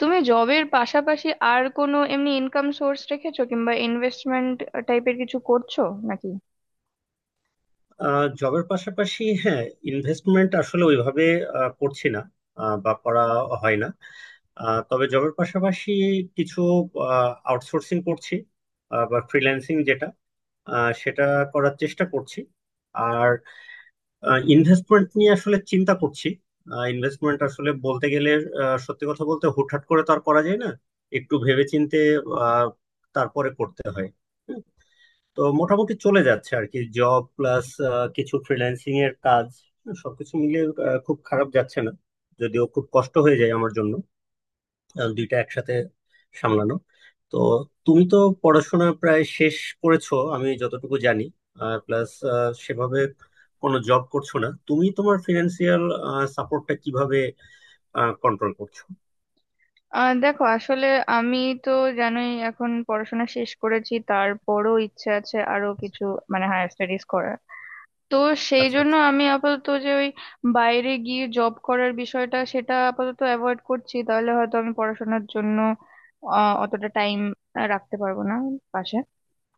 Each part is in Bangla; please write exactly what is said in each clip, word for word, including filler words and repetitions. তুমি জবের পাশাপাশি আর কোনো এমনি ইনকাম সোর্স রেখেছো কিংবা ইনভেস্টমেন্ট টাইপের কিছু করছো নাকি? জবের পাশাপাশি, হ্যাঁ। ইনভেস্টমেন্ট আসলে ওইভাবে আহ, করছি না, আহ, বা করা হয় না। আহ, তবে জবের পাশাপাশি কিছু আউটসোর্সিং করছি, আহ, বা ফ্রিল্যান্সিং যেটা, আহ, সেটা করার চেষ্টা করছি। আর ইনভেস্টমেন্ট নিয়ে আসলে চিন্তা করছি। ইনভেস্টমেন্ট আসলে বলতে গেলে, আহ, সত্যি কথা বলতে হুটহাট করে তো আর করা যায় না, একটু ভেবেচিন্তে আহ, তারপরে করতে হয়। তো মোটামুটি চলে যাচ্ছে আর কি, জব প্লাস কিছু ফ্রিল্যান্সিং এর কাজ সবকিছু মিলিয়ে আহ, খুব খারাপ যাচ্ছে না। যদিও খুব কষ্ট হয়ে যায় আমার জন্য, আহ, দুইটা একসাথে সামলানো। তো তুমি তো পড়াশোনা প্রায় শেষ করেছো আমি যতটুকু জানি, আর প্লাস সেভাবে কোনো জব করছো না। তুমি তোমার ফিনান্সিয়াল সাপোর্টটা কিভাবে কন্ট্রোল করছো? আহ দেখো, আসলে আমি তো জানোই এখন পড়াশোনা শেষ করেছি, তারপরও ইচ্ছে আছে আরো কিছু, মানে হায়ার স্টাডিজ করার। তো সেই আচ্ছা, জন্য আচ্ছা। আমি আপাতত যে ওই বাইরে গিয়ে জব করার বিষয়টা সেটা আপাতত অ্যাভয়েড করছি, তাহলে হয়তো আমি পড়াশোনার জন্য আহ অতটা টাইম রাখতে পারবো না পাশে।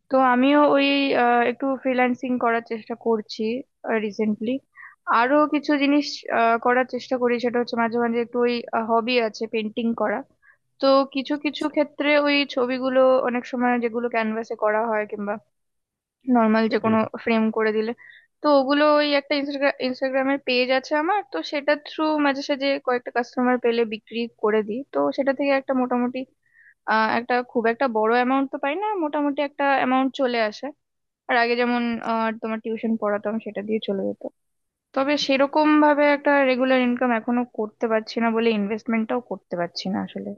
তো আমিও ওই আহ, একটু ফ্রিল্যান্সিং করার চেষ্টা করছি রিসেন্টলি। আরো কিছু জিনিস আহ, করার চেষ্টা করি, সেটা হচ্ছে মাঝে মাঝে একটু ওই হবি আছে পেন্টিং করা। তো কিছু কিছু আচ্ছা, ক্ষেত্রে ওই ছবিগুলো অনেক সময় যেগুলো ক্যানভাসে নর্মাল যে কোনো ফ্রেম করে দিলে, তো ওগুলো ওই একটা ইনস্টাগ্রামের পেজ আছে আমার, তো সেটা থ্রু মাঝে সাঝে কয়েকটা কাস্টমার পেলে বিক্রি করে দিই। তো সেটা থেকে একটা মোটামুটি আহ, একটা খুব একটা বড় অ্যামাউন্ট তো পাই না, মোটামুটি একটা অ্যামাউন্ট চলে আসে। আর আগে যেমন আহ, তোমার টিউশন পড়াতাম, সেটা দিয়ে চলে যেত। তবে সেরকম ভাবে একটা রেগুলার ইনকাম এখনো করতে পারছি না বলে ইনভেস্টমেন্টটাও করতে পারছি না আসলে।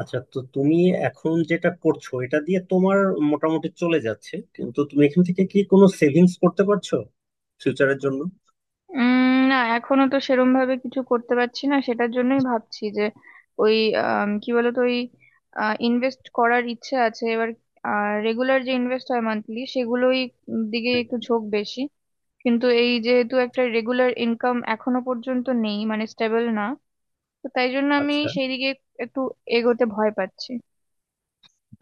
আচ্ছা, তো তুমি এখন যেটা করছো এটা দিয়ে তোমার মোটামুটি চলে যাচ্ছে, কিন্তু তুমি এখান থেকে কি কোনো সেভিংস করতে পারছো ফিউচারের জন্য? উম, না এখনো তো সেরম ভাবে কিছু করতে পারছি না, সেটার জন্যই ভাবছি যে ওই আম, কি বলতো ওই ইনভেস্ট করার ইচ্ছে আছে এবার। রেগুলার যে ইনভেস্ট হয় মান্থলি সেগুলোই উম দিকে একটু ঝোঁক বেশি, কিন্তু এই যেহেতু একটা রেগুলার ইনকাম এখনো পর্যন্ত নেই মানে স্টেবল না, তো তাই জন্য আমি আচ্ছা, সেই দিকে একটু এগোতে ভয় পাচ্ছি।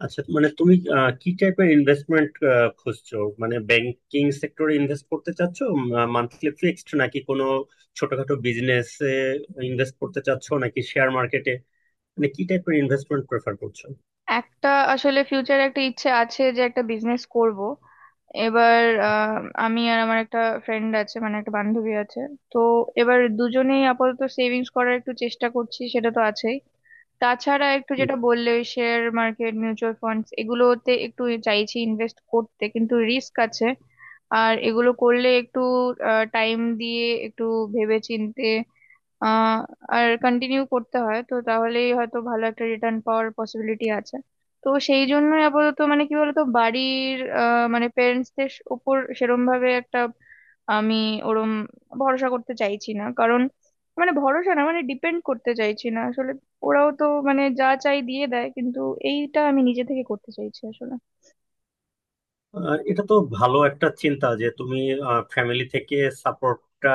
আচ্ছা মানে তুমি আহ, কি টাইপের ইনভেস্টমেন্ট খুঁজছো? মানে ব্যাংকিং সেক্টরে ইনভেস্ট করতে চাচ্ছো, মান্থলি ফিক্সড, নাকি কোনো ছোটখাটো বিজনেসে ইনভেস্ট করতে চাচ্ছো, নাকি শেয়ার মার্কেটে? মানে কি টাইপের ইনভেস্টমেন্ট প্রেফার করছো? একটা আসলে ফিউচারে একটা ইচ্ছে আছে যে একটা বিজনেস করব এবার। আহ, আমি আর আমার একটা ফ্রেন্ড আছে, মানে একটা বান্ধবী আছে। তো এবার দুজনেই আপাতত সেভিংস করার একটু চেষ্টা করছি, সেটা তো আছেই। তাছাড়া একটু যেটা বললে ওই শেয়ার মার্কেট, মিউচুয়াল ফান্ডস, এগুলোতে একটু চাইছি ইনভেস্ট করতে, কিন্তু রিস্ক আছে। আর এগুলো করলে একটু টাইম দিয়ে একটু ভেবে চিন্তে আহ আর কন্টিনিউ করতে হয়, তো তাহলেই হয়তো ভালো একটা রিটার্ন পাওয়ার পসিবিলিটি আছে। তো সেই জন্যই আপাতত মানে কি বলতো বাড়ির আহ, মানে প্যারেন্টসদের উপর সেরম ভাবে একটা আমি ওরম ভরসা করতে চাইছি না, কারণ মানে ভরসা না মানে ডিপেন্ড করতে চাইছি না আসলে। ওরাও তো মানে যা চাই দিয়ে দেয়, কিন্তু এইটা আমি নিজে থেকে করতে চাইছি আসলে। আহ, এটা তো ভালো একটা চিন্তা যে তুমি ফ্যামিলি থেকে সাপোর্টটা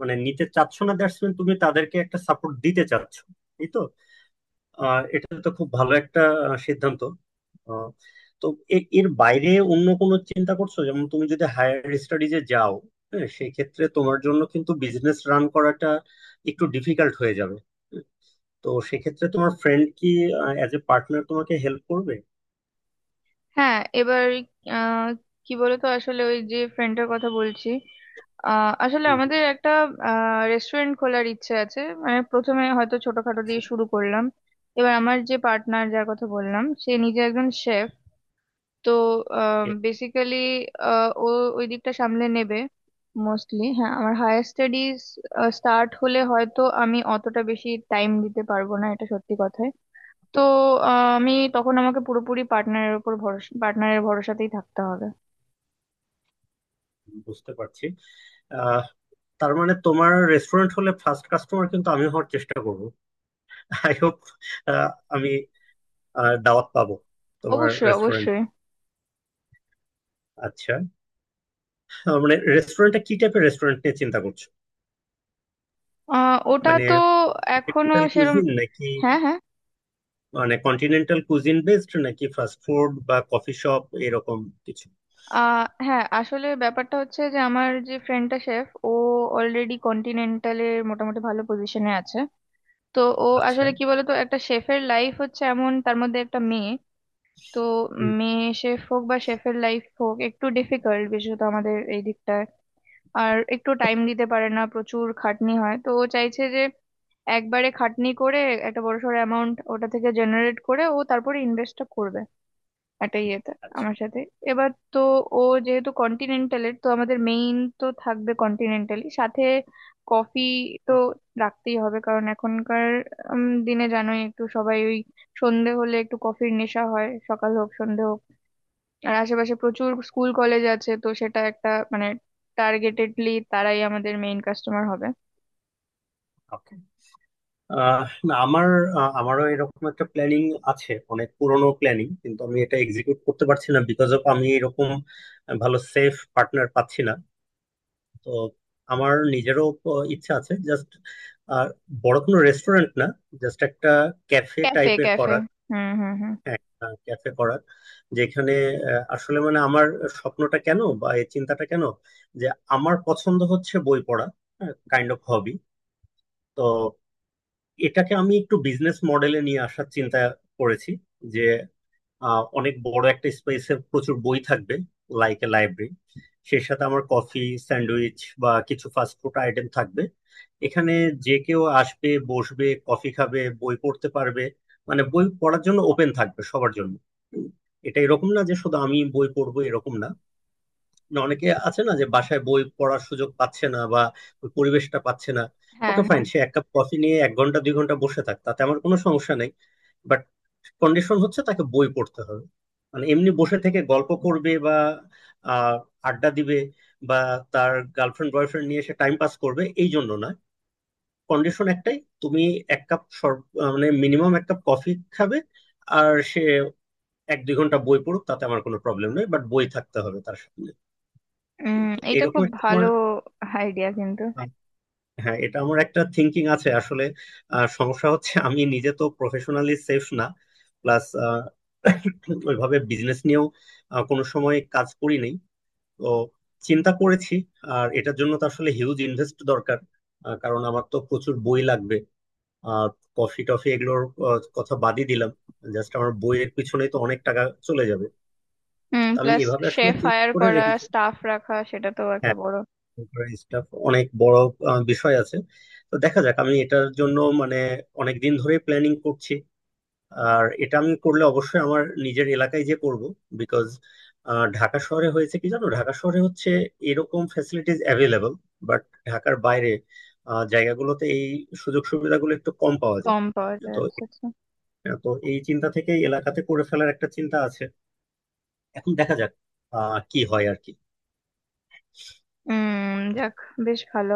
মানে নিতে চাচ্ছ না, দ্যাটস মিন তুমি তাদেরকে একটা সাপোর্ট দিতে চাচ্ছ, এই তো। আহ এটা তো খুব ভালো একটা আহ, সিদ্ধান্ত। আহ, তো এ- এর বাইরে অন্য কোনো চিন্তা করছো, যেমন তুমি যদি হায়ার স্টাডিজে যাও, হ্যাঁ সেই ক্ষেত্রে তোমার জন্য কিন্তু বিজনেস রান করাটা একটু ডিফিকাল্ট হয়ে যাবে। হুম। তো সেক্ষেত্রে তোমার ফ্রেন্ড কি অ্যাজ এ পার্টনার তোমাকে হেল্প করবে? হ্যাঁ এবার আহ কি বলতো আসলে ওই যে ফ্রেন্ডটার কথা বলছি, আহ আসলে হুম, হুম, আমাদের একটা রেস্টুরেন্ট খোলার ইচ্ছে আছে, মানে প্রথমে হয়তো ছোটখাটো দিয়ে শুরু করলাম। এবার আমার যে পার্টনার যার কথা বললাম, সে নিজে একজন শেফ। তো Okay, বেসিক্যালি ও ওই দিকটা সামলে নেবে মোস্টলি। হ্যাঁ, আমার হায়ার স্টাডিজ স্টার্ট হলে হয়তো আমি অতটা বেশি টাইম দিতে পারবো না, এটা সত্যি কথাই। তো আহ, আমি তখন আমাকে পুরোপুরি পার্টনারের উপর ভরসা পার্টনারের ভরসাতেই থাকতে হবে। বুঝতে পারছি। আহ, তার মানে তোমার রেস্টুরেন্ট হলে ফার্স্ট কাস্টমার কিন্তু আমি হওয়ার চেষ্টা করব। আই হোপ আমি আহ, দাওয়াত পাবো তোমার অবশ্যই, রেস্টুরেন্ট। অবশ্যই। আচ্ছা, তার মানে রেস্টুরেন্টটা কি টাইপের রেস্টুরেন্ট নিয়ে চিন্তা করছো? আহ, ওটা মানে তো এখনো ট্রেডিশনাল সেরম, কুজিন, নাকি হ্যাঁ হ্যাঁ। মানে কন্টিনেন্টাল কুজিন বেসড, নাকি ফাস্ট ফুড বা কফি শপ এরকম কিছু? আহ, হ্যাঁ আসলে ব্যাপারটা হচ্ছে যে আমার যে ফ্রেন্ডটা শেফ, ও অলরেডি কন্টিনেন্টালের মোটামুটি ভালো পজিশনে আছে। তো ও আচ্ছা, আসলে কি বলতো, একটা শেফের লাইফ হচ্ছে এমন, তার মধ্যে একটা মেয়ে, তো হুম, মেয়ে শেফ হোক বা শেফের লাইফ হোক একটু ডিফিকাল্ট বিশেষত আমাদের এই দিকটায়। আর একটু টাইম দিতে পারে না, প্রচুর খাটনি হয়, তো ও চাইছে যে একবারে খাটনি করে একটা বড়সড় অ্যামাউন্ট ওটা থেকে জেনারেট করে ও তারপরে ইনভেস্টটা করবে একটা ইয়েতে আচ্ছা, আমার সাথে। এবার তো ও যেহেতু কন্টিনেন্টালের, তো আমাদের মেইন তো থাকবে কন্টিনেন্টালি, সাথে কফি তো রাখতেই হবে কারণ এখনকার উম, দিনে জানোই একটু সবাই ওই সন্ধে হলে একটু কফির নেশা হয়, সকাল হোক সন্ধে হোক। আর আশেপাশে প্রচুর স্কুল কলেজ আছে, তো সেটা একটা মানে টার্গেটেডলি তারাই আমাদের মেইন কাস্টমার হবে। ওকে। না, আমার আহ, আমারও এরকম একটা প্ল্যানিং আছে, অনেক পুরনো প্ল্যানিং, কিন্তু আমি এটা এক্সিকিউট করতে পারছি না বিকজ অফ আমি এরকম ভালো সেফ পার্টনার পাচ্ছি না। তো আমার নিজেরও প- ইচ্ছা আছে জাস্ট, আর বড় কোনো রেস্টুরেন্ট না, জাস্ট একটা ক্যাফে ক্যাফে, টাইপের ক্যাফে, করার, হুম হুম হুম। ক্যাফে করার। যেখানে আহ, আসলে মানে আমার স্বপ্নটা কেন বা এই চিন্তাটা কেন, যে আমার পছন্দ হচ্ছে বই পড়া, কাইন্ড অফ হবি। তো এটাকে আমি একটু বিজনেস মডেলে নিয়ে আসার চিন্তা করেছি, যে আহ, অনেক বড় একটা স্পেসে প্রচুর বই থাকবে, লাইক এ লাইব্রেরি। সেই সাথে আমার কফি, স্যান্ডউইচ বা কিছু ফাস্ট ফুড আইটেম থাকবে এখানে। যে কেউ আসবে, বসবে, কফি খাবে, বই পড়তে পারবে। মানে বই পড়ার জন্য ওপেন থাকবে সবার জন্য। উম, এটা এরকম না যে শুধু আমি বই পড়বো, এরকম না। না, অনেকে আছে না যে বাসায় বই পড়ার সুযোগ পাচ্ছে না বা ওই পরিবেশটা পাচ্ছে না। হ্যাঁ ওকে, হ্যাঁ। ফাইন, সে এক কাপ কফি নিয়ে এক ঘন্টা দুই ঘন্টা বসে থাক, তাতে আমার কোনো সমস্যা নেই। বাট কন্ডিশন হচ্ছে তাকে বই পড়তে হবে। মানে এমনি বসে থেকে গল্প করবে বা আহ, আড্ডা দিবে বা তার গার্লফ্রেন্ড বয়ফ্রেন্ড নিয়ে সে টাইম পাস করবে, এই জন্য না। কন্ডিশন একটাই, তুমি এক কাপ সর- আহ, মানে মিনিমাম এক কাপ কফি খাবে আর সে এক দুই ঘন্টা বই পড়ুক, তাতে আমার কোনো প্রবলেম নেই, বাট বই থাকতে হবে তার সামনে। উম, তো এটা এরকম খুব একটা ভালো তোমার। আইডিয়া কিন্তু। হ্যাঁ, এটা আমার একটা থিঙ্কিং আছে আসলে। আহ, সমস্যা হচ্ছে আমি নিজে তো প্রফেশনালি সেফ না, প্লাস ওইভাবে বিজনেস নিয়েও আহ, কোনো সময় কাজ করি নাই। তো চিন্তা করেছি, আর এটার জন্য তো আসলে হিউজ ইনভেস্ট দরকার, আহ, কারণ আমার তো প্রচুর বই লাগবে, আর কফি টফি এগুলোর আহ, কথা বাদই দিলাম, জাস্ট আমার বইয়ের পিছনেই তো অনেক টাকা চলে যাবে। হুম, তো আমি প্লাস এভাবে আসলে শেফ চিন্তা হায়ার করে করা, রেখেছি। স্টাফ রাখা, সেটা তো একটা হ্যাঁ, বড়। স্টাফ অনেক বড় আহ, বিষয় আছে। তো দেখা যাক, আমি এটার জন্য মানে অনেক দিন ধরে প্ল্যানিং করছি, আর এটা আমি করলে অবশ্যই আমার নিজের এলাকায় যে করব, বিকজ ঢাকা শহরে হয়েছে কি জানো, ঢাকা শহরে হচ্ছে এরকম ফ্যাসিলিটিস অ্যাভেলেবল, বাট ঢাকার বাইরে আহ, জায়গাগুলোতে এই সুযোগ সুবিধাগুলো একটু কম পাওয়া যায়। কম পাওয়া যায়, তো আচ্ছা আচ্ছা। তো এই চিন্তা থেকে এলাকাতে করে ফেলার একটা চিন্তা আছে। এখন দেখা যাক আহ কি হয় আর কি। হুম, যাক বেশ ভালো।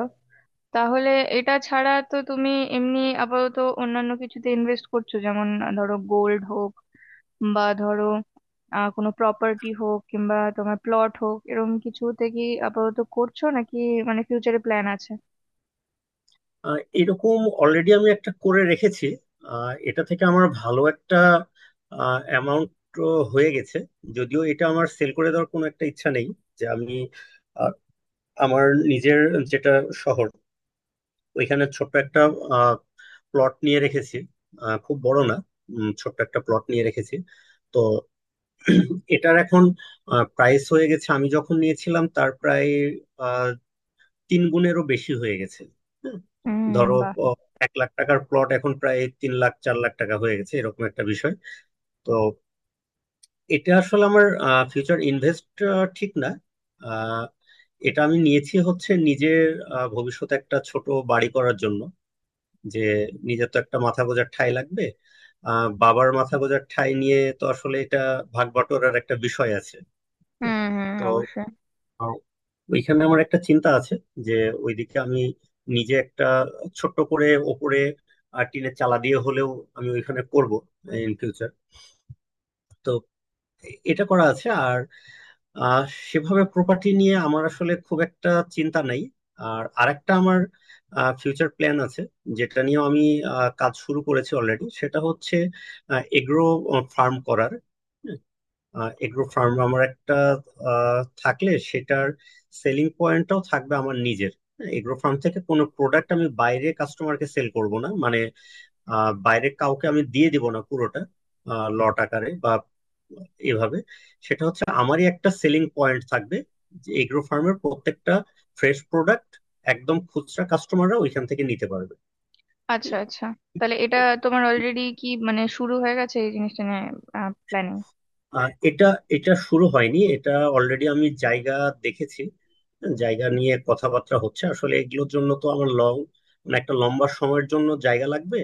তাহলে এটা ছাড়া তো তুমি এমনি আপাতত অন্যান্য কিছুতে ইনভেস্ট করছো? যেমন আহ, ধরো গোল্ড হোক বা ধরো আহ কোনো প্রপার্টি হোক কিংবা তোমার প্লট হোক, এরকম কিছুতে কি আপাতত করছো নাকি মানে ফিউচারে প্ল্যান আছে? আহ, এরকম অলরেডি আমি একটা করে রেখেছি, আহ, এটা থেকে আমার ভালো একটা অ্যামাউন্ট হয়ে গেছে। যদিও এটা আমার সেল করে দেওয়ার কোনো একটা ইচ্ছা নেই, যে আমি আহ, আমার নিজের যেটা শহর, ওইখানে ছোট্ট একটা প্লট নিয়ে রেখেছি, আহ, খুব বড় না, উম, ছোট্ট একটা প্লট নিয়ে রেখেছি। তো এটার এখন প্রাইস হয়ে গেছে আমি যখন নিয়েছিলাম তার প্রায় তিন গুণেরও বেশি হয়ে গেছে। হ্যাঁ, হুম, ধরো বাহ। প- এক লাখ টাকার প্লট এখন প্রায় তিন লাখ চার লাখ টাকা হয়ে গেছে, এরকম একটা বিষয়। তো এটা আসলে আমার ফিউচার ইনভেস্ট ঠিক না, আহ, এটা আমি নিয়েছি হচ্ছে নিজের আহ, ভবিষ্যতে একটা ছোট বাড়ি করার জন্য, যে নিজের তো একটা মাথা গোঁজার ঠাঁই লাগবে। আহ, বাবার মাথা গোঁজার ঠাঁই নিয়ে তো আসলে এটা ভাগ বটোয়ারার একটা বিষয় আছে। হুম হুম, তো অবশ্যই। ওইখানে আমার একটা চিন্তা আছে যে ওইদিকে আমি নিজে একটা ছোট্ট করে ওপরে আর টিনের চালা দিয়ে হলেও আমি ওইখানে করব ইন ফিউচার। তো এ- এটা করা আছে, আর আহ, সেভাবে প্রপার্টি নিয়ে আমার আসলে খুব একটা চিন্তা নাই। আর আরেকটা আমার ফিউচার প্ল্যান আছে যেটা নিয়ে আমি আহ, কাজ শুরু করেছি অলরেডি, সেটা হচ্ছে এগ্রো ফার্ম করার। এগ্রো ফার্ম আমার একটা আহ, থাকলে সেটার সেলিং পয়েন্টটাও থাকবে আমার নিজের। হ্যাঁ, এগ্রো ফার্ম থেকে কোনো প্রোডাক্ট আমি বাইরে কাস্টমারকে সেল করব না, মানে আহ, বাইরে কাউকে আমি দিয়ে দিব না পুরোটা লট আকারে বা এভাবে। সেটা হচ্ছে আমারই একটা সেলিং পয়েন্ট থাকবে, যে এগ্রো ফার্মের প্রত্যেকটা ফ্রেশ প্রোডাক্ট একদম খুচরা কাস্টমাররা ওইখান থেকে নিতে পারবে। আচ্ছা আচ্ছা, তাহলে এটা তোমার অলরেডি কি মানে শুরু হয়ে গেছে এই জিনিসটা নিয়ে প্ল্যানিং? আর এটা এটা শুরু হয়নি, এটা অলরেডি আমি জায়গা দেখেছি, জায়গা নিয়ে কথাবার্তা হচ্ছে। আসলে এগুলোর জন্য তো আমার লং, মানে একটা লম্বা সময়ের জন্য জায়গা লাগবে,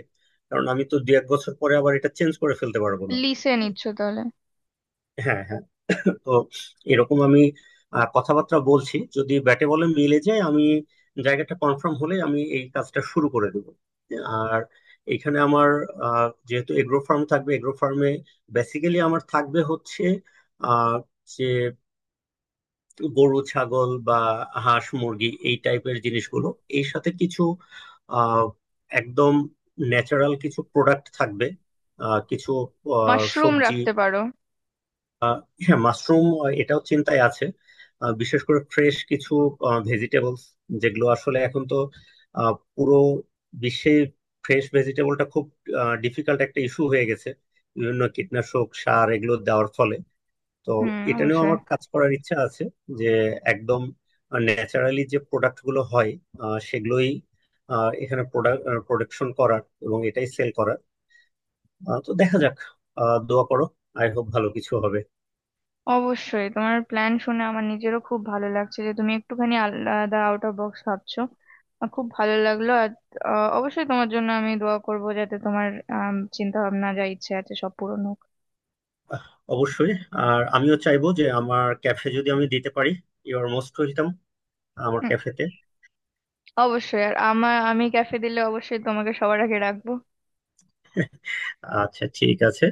কারণ আমি তো দু এক বছর পরে আবার এটা চেঞ্জ করে ফেলতে পারবো না। লিসে নিচ্ছ তাহলে। হ্যাঁ, হ্যাঁ। তো এরকম আমি আহ, কথাবার্তা বলছি, যদি ব্যাটে বলে মিলে যায় আমি জায়গাটা কনফার্ম হলে আমি এই কাজটা শুরু করে দেব। আর এখানে আমার আহ, যেহেতু এগ্রো ফার্ম থাকবে, এগ্রো ফার্মে বেসিক্যালি আমার থাকবে হচ্ছে আহ, যে গরু ছাগল বা হাঁস মুরগি এই টাইপের জিনিসগুলো। এর সাথে কিছু আহ, একদম ন্যাচারাল কিছু প্রোডাক্ট থাকবে, আহ, কিছু আহ, মাশরুম সবজি। রাখতে পারো। হ্যাঁ মাশরুম, এটাও চিন্তায় আছে। আহ, বিশেষ করে ফ্রেশ কিছু ভেজিটেবলস, যেগুলো আসলে এখন তো আহ, পুরো বিশ্বে ফ্রেশ ভেজিটেবলটা খুব ডিফিকাল্ট একটা ইস্যু হয়ে গেছে বিভিন্ন কীটনাশক সার এগুলো দেওয়ার ফলে। তো হুম, এটা নিয়েও অবশ্যই। আমার কাজ করার ইচ্ছা আছে, যে একদম ন্যাচারালি যে প্রোডাক্ট গুলো হয়, আহ, সেগুলোই আহ, এখানে প্রোডাক্ট প্রোডাকশন করার এবং এটাই সেল করার। আহ, তো দেখা যাক, আহ, দোয়া করো, আই হোপ ভালো কিছু হবে। অবশ্যই তোমার প্ল্যান শুনে আমার নিজেরও খুব ভালো লাগছে যে তুমি একটুখানি আলাদা, আউট অফ বক্স ভাবছো। আহ, খুব ভালো লাগলো। আর আহ, অবশ্যই তোমার জন্য আমি দোয়া করব যাতে তোমার চিন্তা ভাবনা যা ইচ্ছে আছে সব পূরণ হোক। আহ, অবশ্যই, আর আমিও চাইবো যে আমার ক্যাফে যদি আমি দিতে পারি, ইউ আর মোস্ট ওয়েলকাম আমার হুম, ক্যাফেতে। অবশ্যই। আর আমার আমি ক্যাফে দিলে অবশ্যই তোমাকে সবার আগে রাখবো। আচ্ছা ঠিক আছে।